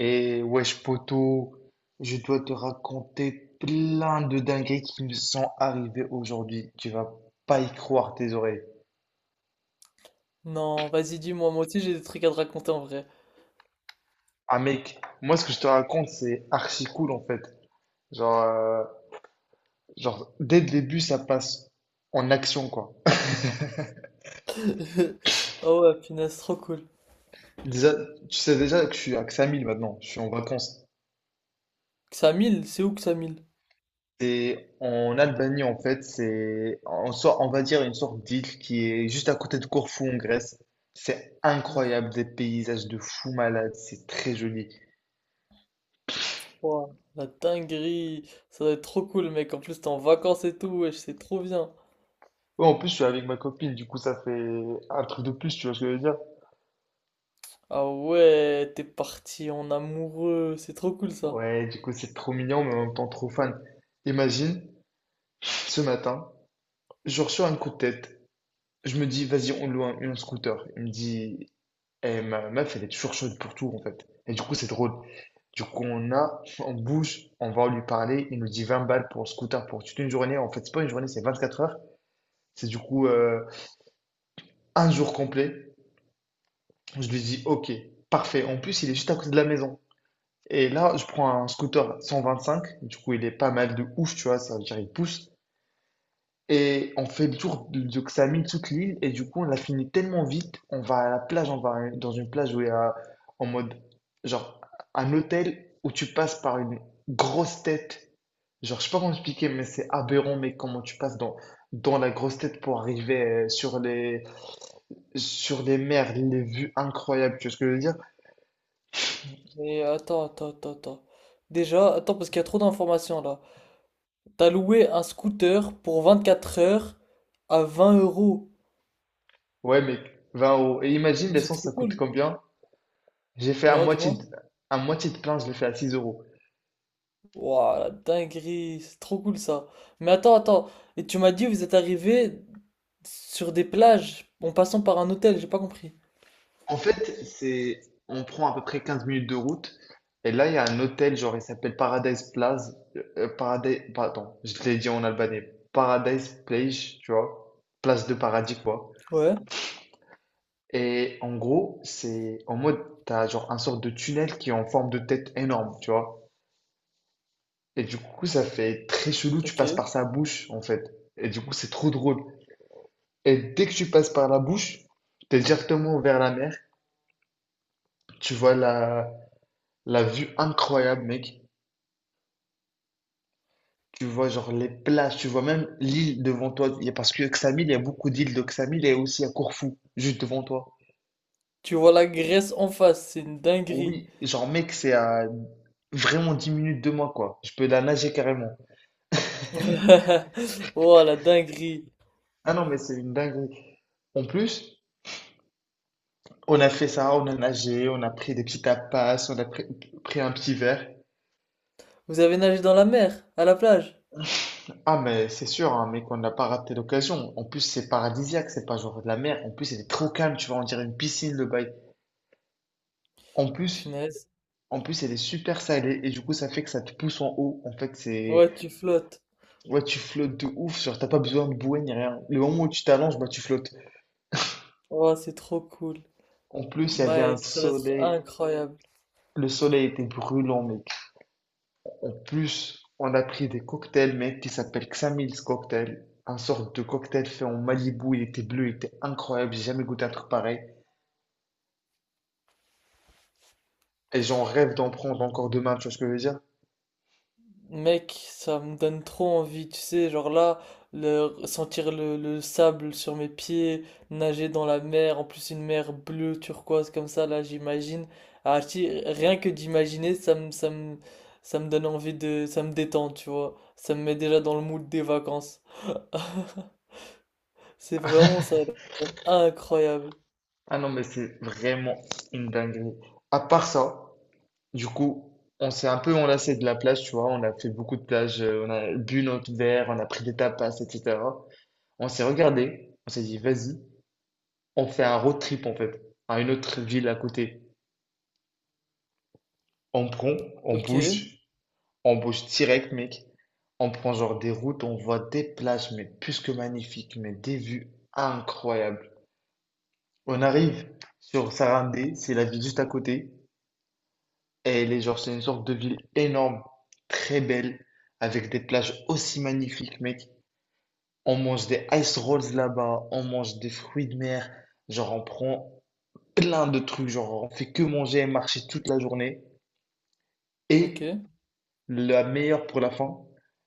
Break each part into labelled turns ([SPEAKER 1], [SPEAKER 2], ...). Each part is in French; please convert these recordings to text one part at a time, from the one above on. [SPEAKER 1] Et wesh poto, je dois te raconter plein de dingueries qui me sont arrivées aujourd'hui. Tu vas pas y croire tes oreilles.
[SPEAKER 2] Non, vas-y, dis-moi, moi aussi j'ai des trucs à te raconter en vrai.
[SPEAKER 1] Ah mec, moi ce que je te raconte c'est archi cool en fait. Genre, euh, genre dès le début ça passe en action quoi.
[SPEAKER 2] Ah ouais, punaise, trop cool.
[SPEAKER 1] Déjà, tu sais déjà que je suis à Xamil maintenant, je suis en vacances.
[SPEAKER 2] Xamil, c'est où Xamil?
[SPEAKER 1] C'est en Albanie en fait, on va dire une sorte d'île qui est juste à côté de Corfou en Grèce. C'est
[SPEAKER 2] Punaise,
[SPEAKER 1] incroyable, des paysages de fou malade, c'est très joli.
[SPEAKER 2] ouah, la dinguerie, ça doit être trop cool, mec. En plus, t'es en vacances et tout, wesh, c'est trop bien.
[SPEAKER 1] Ouais, en plus je suis avec ma copine, du coup ça fait un truc de plus, tu vois ce que je veux dire?
[SPEAKER 2] Ah ouais, t'es parti en amoureux, c'est trop cool ça.
[SPEAKER 1] Ouais, du coup c'est trop mignon, mais en même temps trop fan. Imagine, ce matin, je reçois un coup de tête. Je me dis, vas-y, on loue un scooter. Il me dit, et ma meuf, elle est toujours chaude pour tout, en fait. Et du coup, c'est drôle. Du coup, on bouge, on va lui parler. Il nous dit 20 balles pour scooter pour toute une journée. En fait, c'est pas une journée, c'est 24 heures. C'est du coup un jour complet. Je lui dis, ok, parfait. En plus, il est juste à côté de la maison. Et là, je prends un scooter 125. Du coup, il est pas mal de ouf, tu vois. Ça veut dire, il pousse. Et on fait le tour, donc toute l'île, et du coup, on l'a fini tellement vite, on va à la plage, on va dans une plage où il y a, en mode, genre, un hôtel où tu passes par une grosse tête. Genre, je sais pas comment expliquer, mais c'est aberrant, mais comment tu passes dans la grosse tête pour arriver sur les mers, les vues incroyables, tu vois ce que je veux dire?
[SPEAKER 2] Mais attends. Déjà, attends, parce qu'il y a trop d'informations là. T'as loué un scooter pour 24 heures à 20 euros.
[SPEAKER 1] Ouais, mec, 20 euros. Et imagine,
[SPEAKER 2] Mais c'est
[SPEAKER 1] l'essence, ça
[SPEAKER 2] trop
[SPEAKER 1] coûte
[SPEAKER 2] cool.
[SPEAKER 1] combien? J'ai fait à
[SPEAKER 2] Non,
[SPEAKER 1] moitié de,
[SPEAKER 2] dis-moi.
[SPEAKER 1] à moitié de plein, je l'ai fait à 6 euros.
[SPEAKER 2] Waouh, la dinguerie, c'est trop cool ça. Mais attends, et tu m'as dit vous êtes arrivé sur des plages en passant par un hôtel, j'ai pas compris.
[SPEAKER 1] En fait, on prend à peu près 15 minutes de route. Et là, il y a un hôtel, genre, il s'appelle Paradise Place. Paradise, pardon, je te l'ai dit en albanais. Paradise Place, tu vois. Place de paradis, quoi.
[SPEAKER 2] Ouais,
[SPEAKER 1] Et en gros, c'est en mode, t'as genre un sorte de tunnel qui est en forme de tête énorme, tu vois. Et du coup, ça fait très chelou, tu
[SPEAKER 2] ok.
[SPEAKER 1] passes par sa bouche, en fait. Et du coup, c'est trop drôle. Et dès que tu passes par la bouche, t'es directement vers la mer. Tu vois la vue incroyable, mec. Tu vois, genre les plages, tu vois même l'île devant toi. Parce que Xamil, il y a beaucoup d'îles de Xamil et aussi à Corfou, juste devant toi.
[SPEAKER 2] Tu vois la Grèce en face, c'est une dinguerie.
[SPEAKER 1] Oui, genre mec, c'est à vraiment 10 minutes de moi, quoi. Je peux la nager carrément.
[SPEAKER 2] Oh, la dinguerie.
[SPEAKER 1] Ah non, mais c'est une dinguerie. En plus, on a fait ça, on a nagé, on a pris des petits tapas, on a pris un petit verre.
[SPEAKER 2] Vous avez nagé dans la mer, à la plage.
[SPEAKER 1] Ah mais c'est sûr, hein, mec, on n'a pas raté l'occasion. En plus, c'est paradisiaque, c'est pas genre de la mer. En plus, c'est trop calme, tu vois, on dirait une piscine, le bail. En plus,
[SPEAKER 2] Punaise.
[SPEAKER 1] En plus, elle est super salée et du coup, ça fait que ça te pousse en haut. En fait, c'est.
[SPEAKER 2] Ouais, tu flottes.
[SPEAKER 1] Ouais, tu flottes de ouf. Genre, t'as pas besoin de bouée ni rien. Le moment où tu t'allonges, bah, tu flottes.
[SPEAKER 2] Oh, c'est trop cool.
[SPEAKER 1] En plus, il y avait un
[SPEAKER 2] Mike, ça doit être
[SPEAKER 1] soleil.
[SPEAKER 2] incroyable.
[SPEAKER 1] Le soleil était brûlant, mec. En plus, on a pris des cocktails, mec, qui s'appellent Xamil's Cocktail. Un sorte de cocktail fait en Malibu. Il était bleu, il était incroyable. J'ai jamais goûté un truc pareil. Et j'en rêve d'en prendre encore demain, tu vois ce que je veux dire?
[SPEAKER 2] Mec, ça me donne trop envie, tu sais, genre là, sentir le sable sur mes pieds, nager dans la mer, en plus une mer bleue turquoise comme ça, là, j'imagine. Ah, si, rien que d'imaginer, ça me donne envie de, ça me détend, tu vois. Ça me met déjà dans le mood des vacances. C'est vraiment ça, incroyable.
[SPEAKER 1] Ah non, mais c'est vraiment une dinguerie. À part ça. Du coup, on s'est un peu enlacé de la plage, tu vois. On a fait beaucoup de plages, on a bu notre verre, on a pris des tapas, etc. On s'est regardé, on s'est dit, vas-y, on fait un road trip en fait, à une autre ville à côté. On prend, on
[SPEAKER 2] Ok,
[SPEAKER 1] bouge, on bouge direct, mec. On prend genre des routes, on voit des plages, mais plus que magnifiques, mais des vues incroyables. On arrive sur Sarandé, c'est la ville juste à côté. Elle est genre, c'est une sorte de ville énorme, très belle, avec des plages aussi magnifiques, mec. On mange des ice rolls là-bas, on mange des fruits de mer, genre on prend plein de trucs, genre on fait que manger et marcher toute la journée. Et
[SPEAKER 2] ok.
[SPEAKER 1] la meilleure pour la fin,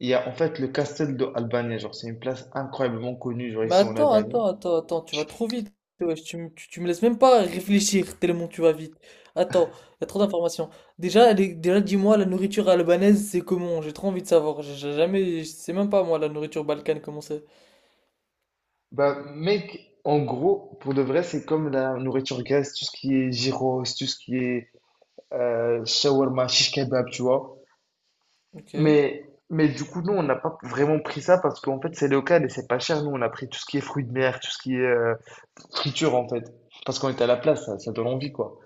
[SPEAKER 1] il y a en fait le Castel de Albania, genre c'est une place incroyablement connue, genre
[SPEAKER 2] Mais
[SPEAKER 1] ici en
[SPEAKER 2] attends,
[SPEAKER 1] Albanie.
[SPEAKER 2] attends, attends, attends, tu vas trop vite. Wesh, tu me laisses même pas réfléchir tellement tu vas vite. Attends, il y a trop d'informations. Déjà, déjà dis-moi, la nourriture albanaise, c'est comment? J'ai trop envie de savoir. J'ai jamais, je sais même pas moi la nourriture balkane comment c'est.
[SPEAKER 1] Bah mec, en gros, pour de vrai, c'est comme la nourriture grecque, tout ce qui est gyros, tout ce qui est shawarma, shish kebab, tu vois.
[SPEAKER 2] Ok.
[SPEAKER 1] Mais, mais, du coup, nous, on n'a pas vraiment pris ça parce qu'en fait, c'est local et c'est pas cher. Nous, on a pris tout ce qui est fruits de mer, tout ce qui est friture, en fait. Parce qu'on était à la place, ça donne envie, quoi.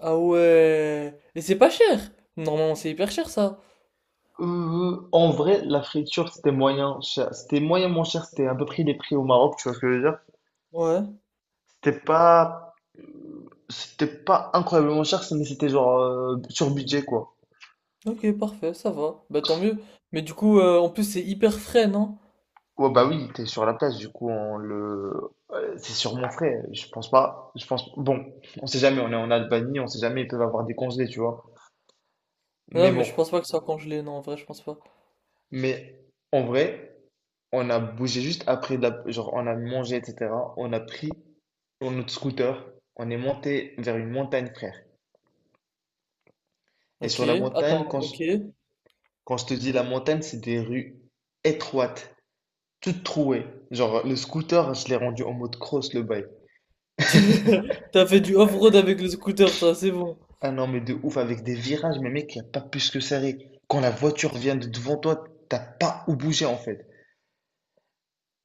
[SPEAKER 2] Ah ouais. Et c'est pas cher. Normalement, c'est hyper cher ça.
[SPEAKER 1] En vrai, la friture, c'était moyen cher. C'était moyen moins cher. C'était à peu près les prix au Maroc, tu vois ce que je veux dire?
[SPEAKER 2] Ouais.
[SPEAKER 1] C'était pas, c'était pas, incroyablement cher, mais c'était genre sur budget, quoi.
[SPEAKER 2] Ok, parfait, ça va. Bah tant mieux. Mais du coup, en plus, c'est hyper frais, non?
[SPEAKER 1] Oh bah oui, t'es sur la place, du coup, on le... c'est sur mon frère, je pense pas, je pense... Bon, on sait jamais, on est en Albanie, on sait jamais, ils peuvent avoir des congés, tu vois. Mais
[SPEAKER 2] Non, mais
[SPEAKER 1] bon,
[SPEAKER 2] je pense pas que ça soit congelé, non, en vrai, je pense pas.
[SPEAKER 1] mais en vrai, on a bougé juste après, de la... genre on a mangé, etc. On a pris sur notre scooter, on est monté vers une montagne, frère. Et sur
[SPEAKER 2] Ok,
[SPEAKER 1] la montagne,
[SPEAKER 2] attends, ok.
[SPEAKER 1] quand je te dis la montagne, c'est des rues étroites, toutes trouées. Genre, le scooter, je l'ai rendu en mode cross, le bail.
[SPEAKER 2] T'as fait du off-road avec le scooter, toi, c'est bon.
[SPEAKER 1] Ah non, mais de ouf, avec des virages, mais mec, il n'y a pas plus que serré. Quand la voiture vient de devant toi, t'as pas où bouger en fait.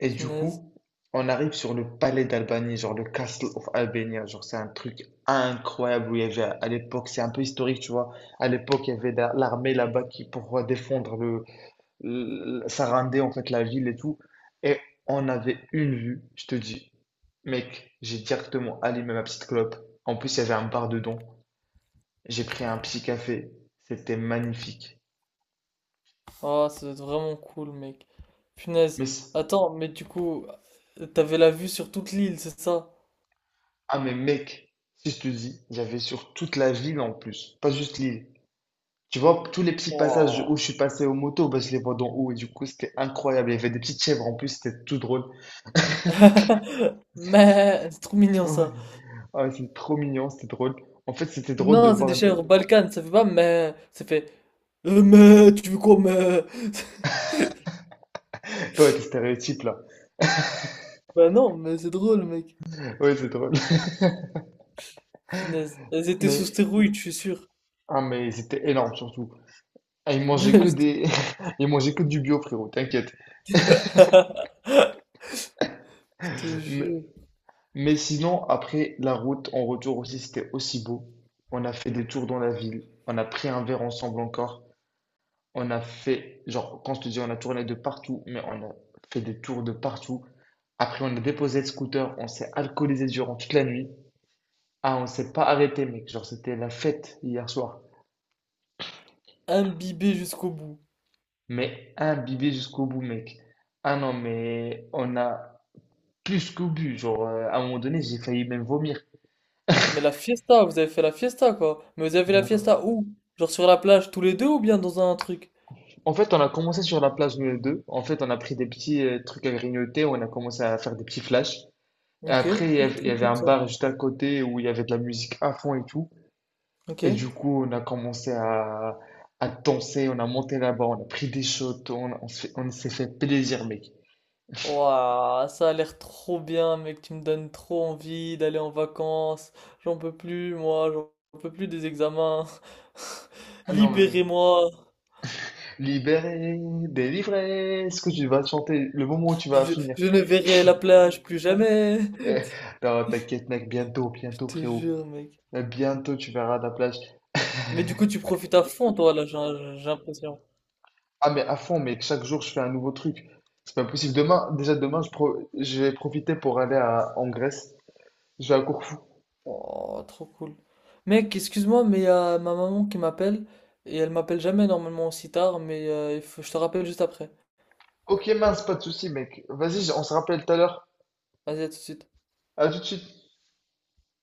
[SPEAKER 1] Et du
[SPEAKER 2] Punaise.
[SPEAKER 1] coup, on arrive sur le palais d'Albanie, genre le Castle of Albania. Genre, c'est un truc incroyable où il y avait à l'époque, c'est un peu historique, tu vois. À l'époque, il y avait l'armée là-bas qui pour défendre le, ça rendait en fait la ville et tout. Et on avait une vue, je te dis, mec, j'ai directement allumé ma petite clope. En plus, il y avait un bar dedans. J'ai pris un petit café. C'était magnifique.
[SPEAKER 2] Oh, ça doit être vraiment cool, mec. Punaise.
[SPEAKER 1] Mais, c-
[SPEAKER 2] Attends, mais du coup, t'avais la vue sur toute l'île, c'est ça?
[SPEAKER 1] mais, mec, si je te dis, j'avais sur toute la ville en plus, pas juste l'île. Tu vois, tous les petits passages où
[SPEAKER 2] Wow.
[SPEAKER 1] je suis passé aux motos, bah, je les vois d'en haut et du coup, c'était incroyable. Il y avait des petites chèvres en plus, c'était tout drôle.
[SPEAKER 2] Mais c'est trop mignon
[SPEAKER 1] Ah Ouais,
[SPEAKER 2] ça.
[SPEAKER 1] ah, ouais, c'est trop mignon, c'était drôle. En fait, c'était drôle de
[SPEAKER 2] Non, c'est des
[SPEAKER 1] voir des...
[SPEAKER 2] chèvres Balkans, ça fait pas mais, ça fait mais, tu veux quoi mais?
[SPEAKER 1] Toi, tes stéréotypes là.
[SPEAKER 2] Bah non, mais c'est drôle, mec.
[SPEAKER 1] Ouais, c'est drôle.
[SPEAKER 2] Punaise. Elles étaient sous
[SPEAKER 1] Mais,
[SPEAKER 2] stéroïdes, je suis sûr.
[SPEAKER 1] mais, c'était énorme surtout. Ah, ils mangeaient que
[SPEAKER 2] Je te
[SPEAKER 1] des... Ils mangeaient que du bio, frérot, t'inquiète.
[SPEAKER 2] je te
[SPEAKER 1] Mais,
[SPEAKER 2] jure.
[SPEAKER 1] Mais, sinon, après la route, en retour aussi, c'était aussi beau. On a fait des tours dans la ville, on a pris un verre ensemble encore. On a fait, genre, quand je te dis, on a tourné de partout, mais on a fait des tours de partout. Après, on a déposé le scooter, on s'est alcoolisé durant toute la nuit. Ah, on s'est pas arrêté, mec. Genre, c'était la fête hier soir.
[SPEAKER 2] Imbibé jusqu'au bout.
[SPEAKER 1] Mais imbibé jusqu'au bout, mec. Ah non, mais on a plus qu'au but. À un moment donné, j'ai failli même vomir.
[SPEAKER 2] Mais la fiesta, vous avez fait la fiesta quoi. Mais vous avez fait la
[SPEAKER 1] Bah,
[SPEAKER 2] fiesta où? Genre sur la plage tous les deux ou bien dans un truc?
[SPEAKER 1] En fait, on a commencé sur la plage nous les deux. En fait, on a pris des petits trucs à grignoter, on a commencé à faire des petits flashs. Et
[SPEAKER 2] Ok,
[SPEAKER 1] après,
[SPEAKER 2] c'est
[SPEAKER 1] il y
[SPEAKER 2] trop
[SPEAKER 1] avait
[SPEAKER 2] cool
[SPEAKER 1] un
[SPEAKER 2] ça.
[SPEAKER 1] bar juste à côté où il y avait de la musique à fond et tout.
[SPEAKER 2] Ok.
[SPEAKER 1] Et du coup, on a commencé à danser, on a monté là-bas, on a pris des shots, on s'est fait plaisir, mec.
[SPEAKER 2] Waouh, ça a l'air trop bien, mec. Tu me donnes trop envie d'aller en vacances. J'en peux plus, moi. J'en peux plus des examens.
[SPEAKER 1] Ah non, mais
[SPEAKER 2] Libérez-moi.
[SPEAKER 1] libéré, délivré, est-ce que tu vas chanter le moment où tu vas finir?
[SPEAKER 2] Je ne verrai la plage plus jamais.
[SPEAKER 1] Eh, non, t'inquiète, mec, bientôt,
[SPEAKER 2] Je
[SPEAKER 1] bientôt,
[SPEAKER 2] te
[SPEAKER 1] frérot.
[SPEAKER 2] jure, mec.
[SPEAKER 1] Bientôt, tu verras la plage.
[SPEAKER 2] Mais du coup, tu profites à fond, toi, là, j'ai l'impression.
[SPEAKER 1] Ah mais à fond, mais chaque jour je fais un nouveau truc. C'est pas possible. Demain, déjà demain, je vais profiter pour aller en Grèce. Je vais à Corfou.
[SPEAKER 2] Oh, trop cool. Mec, excuse-moi, mais il y a ma maman qui m'appelle et elle m'appelle jamais normalement aussi tard, mais je te rappelle juste après.
[SPEAKER 1] Ok, mince, pas de souci, mec. Vas-y, on se rappelle tout à l'heure.
[SPEAKER 2] Vas-y, à tout de suite.
[SPEAKER 1] À tout de suite.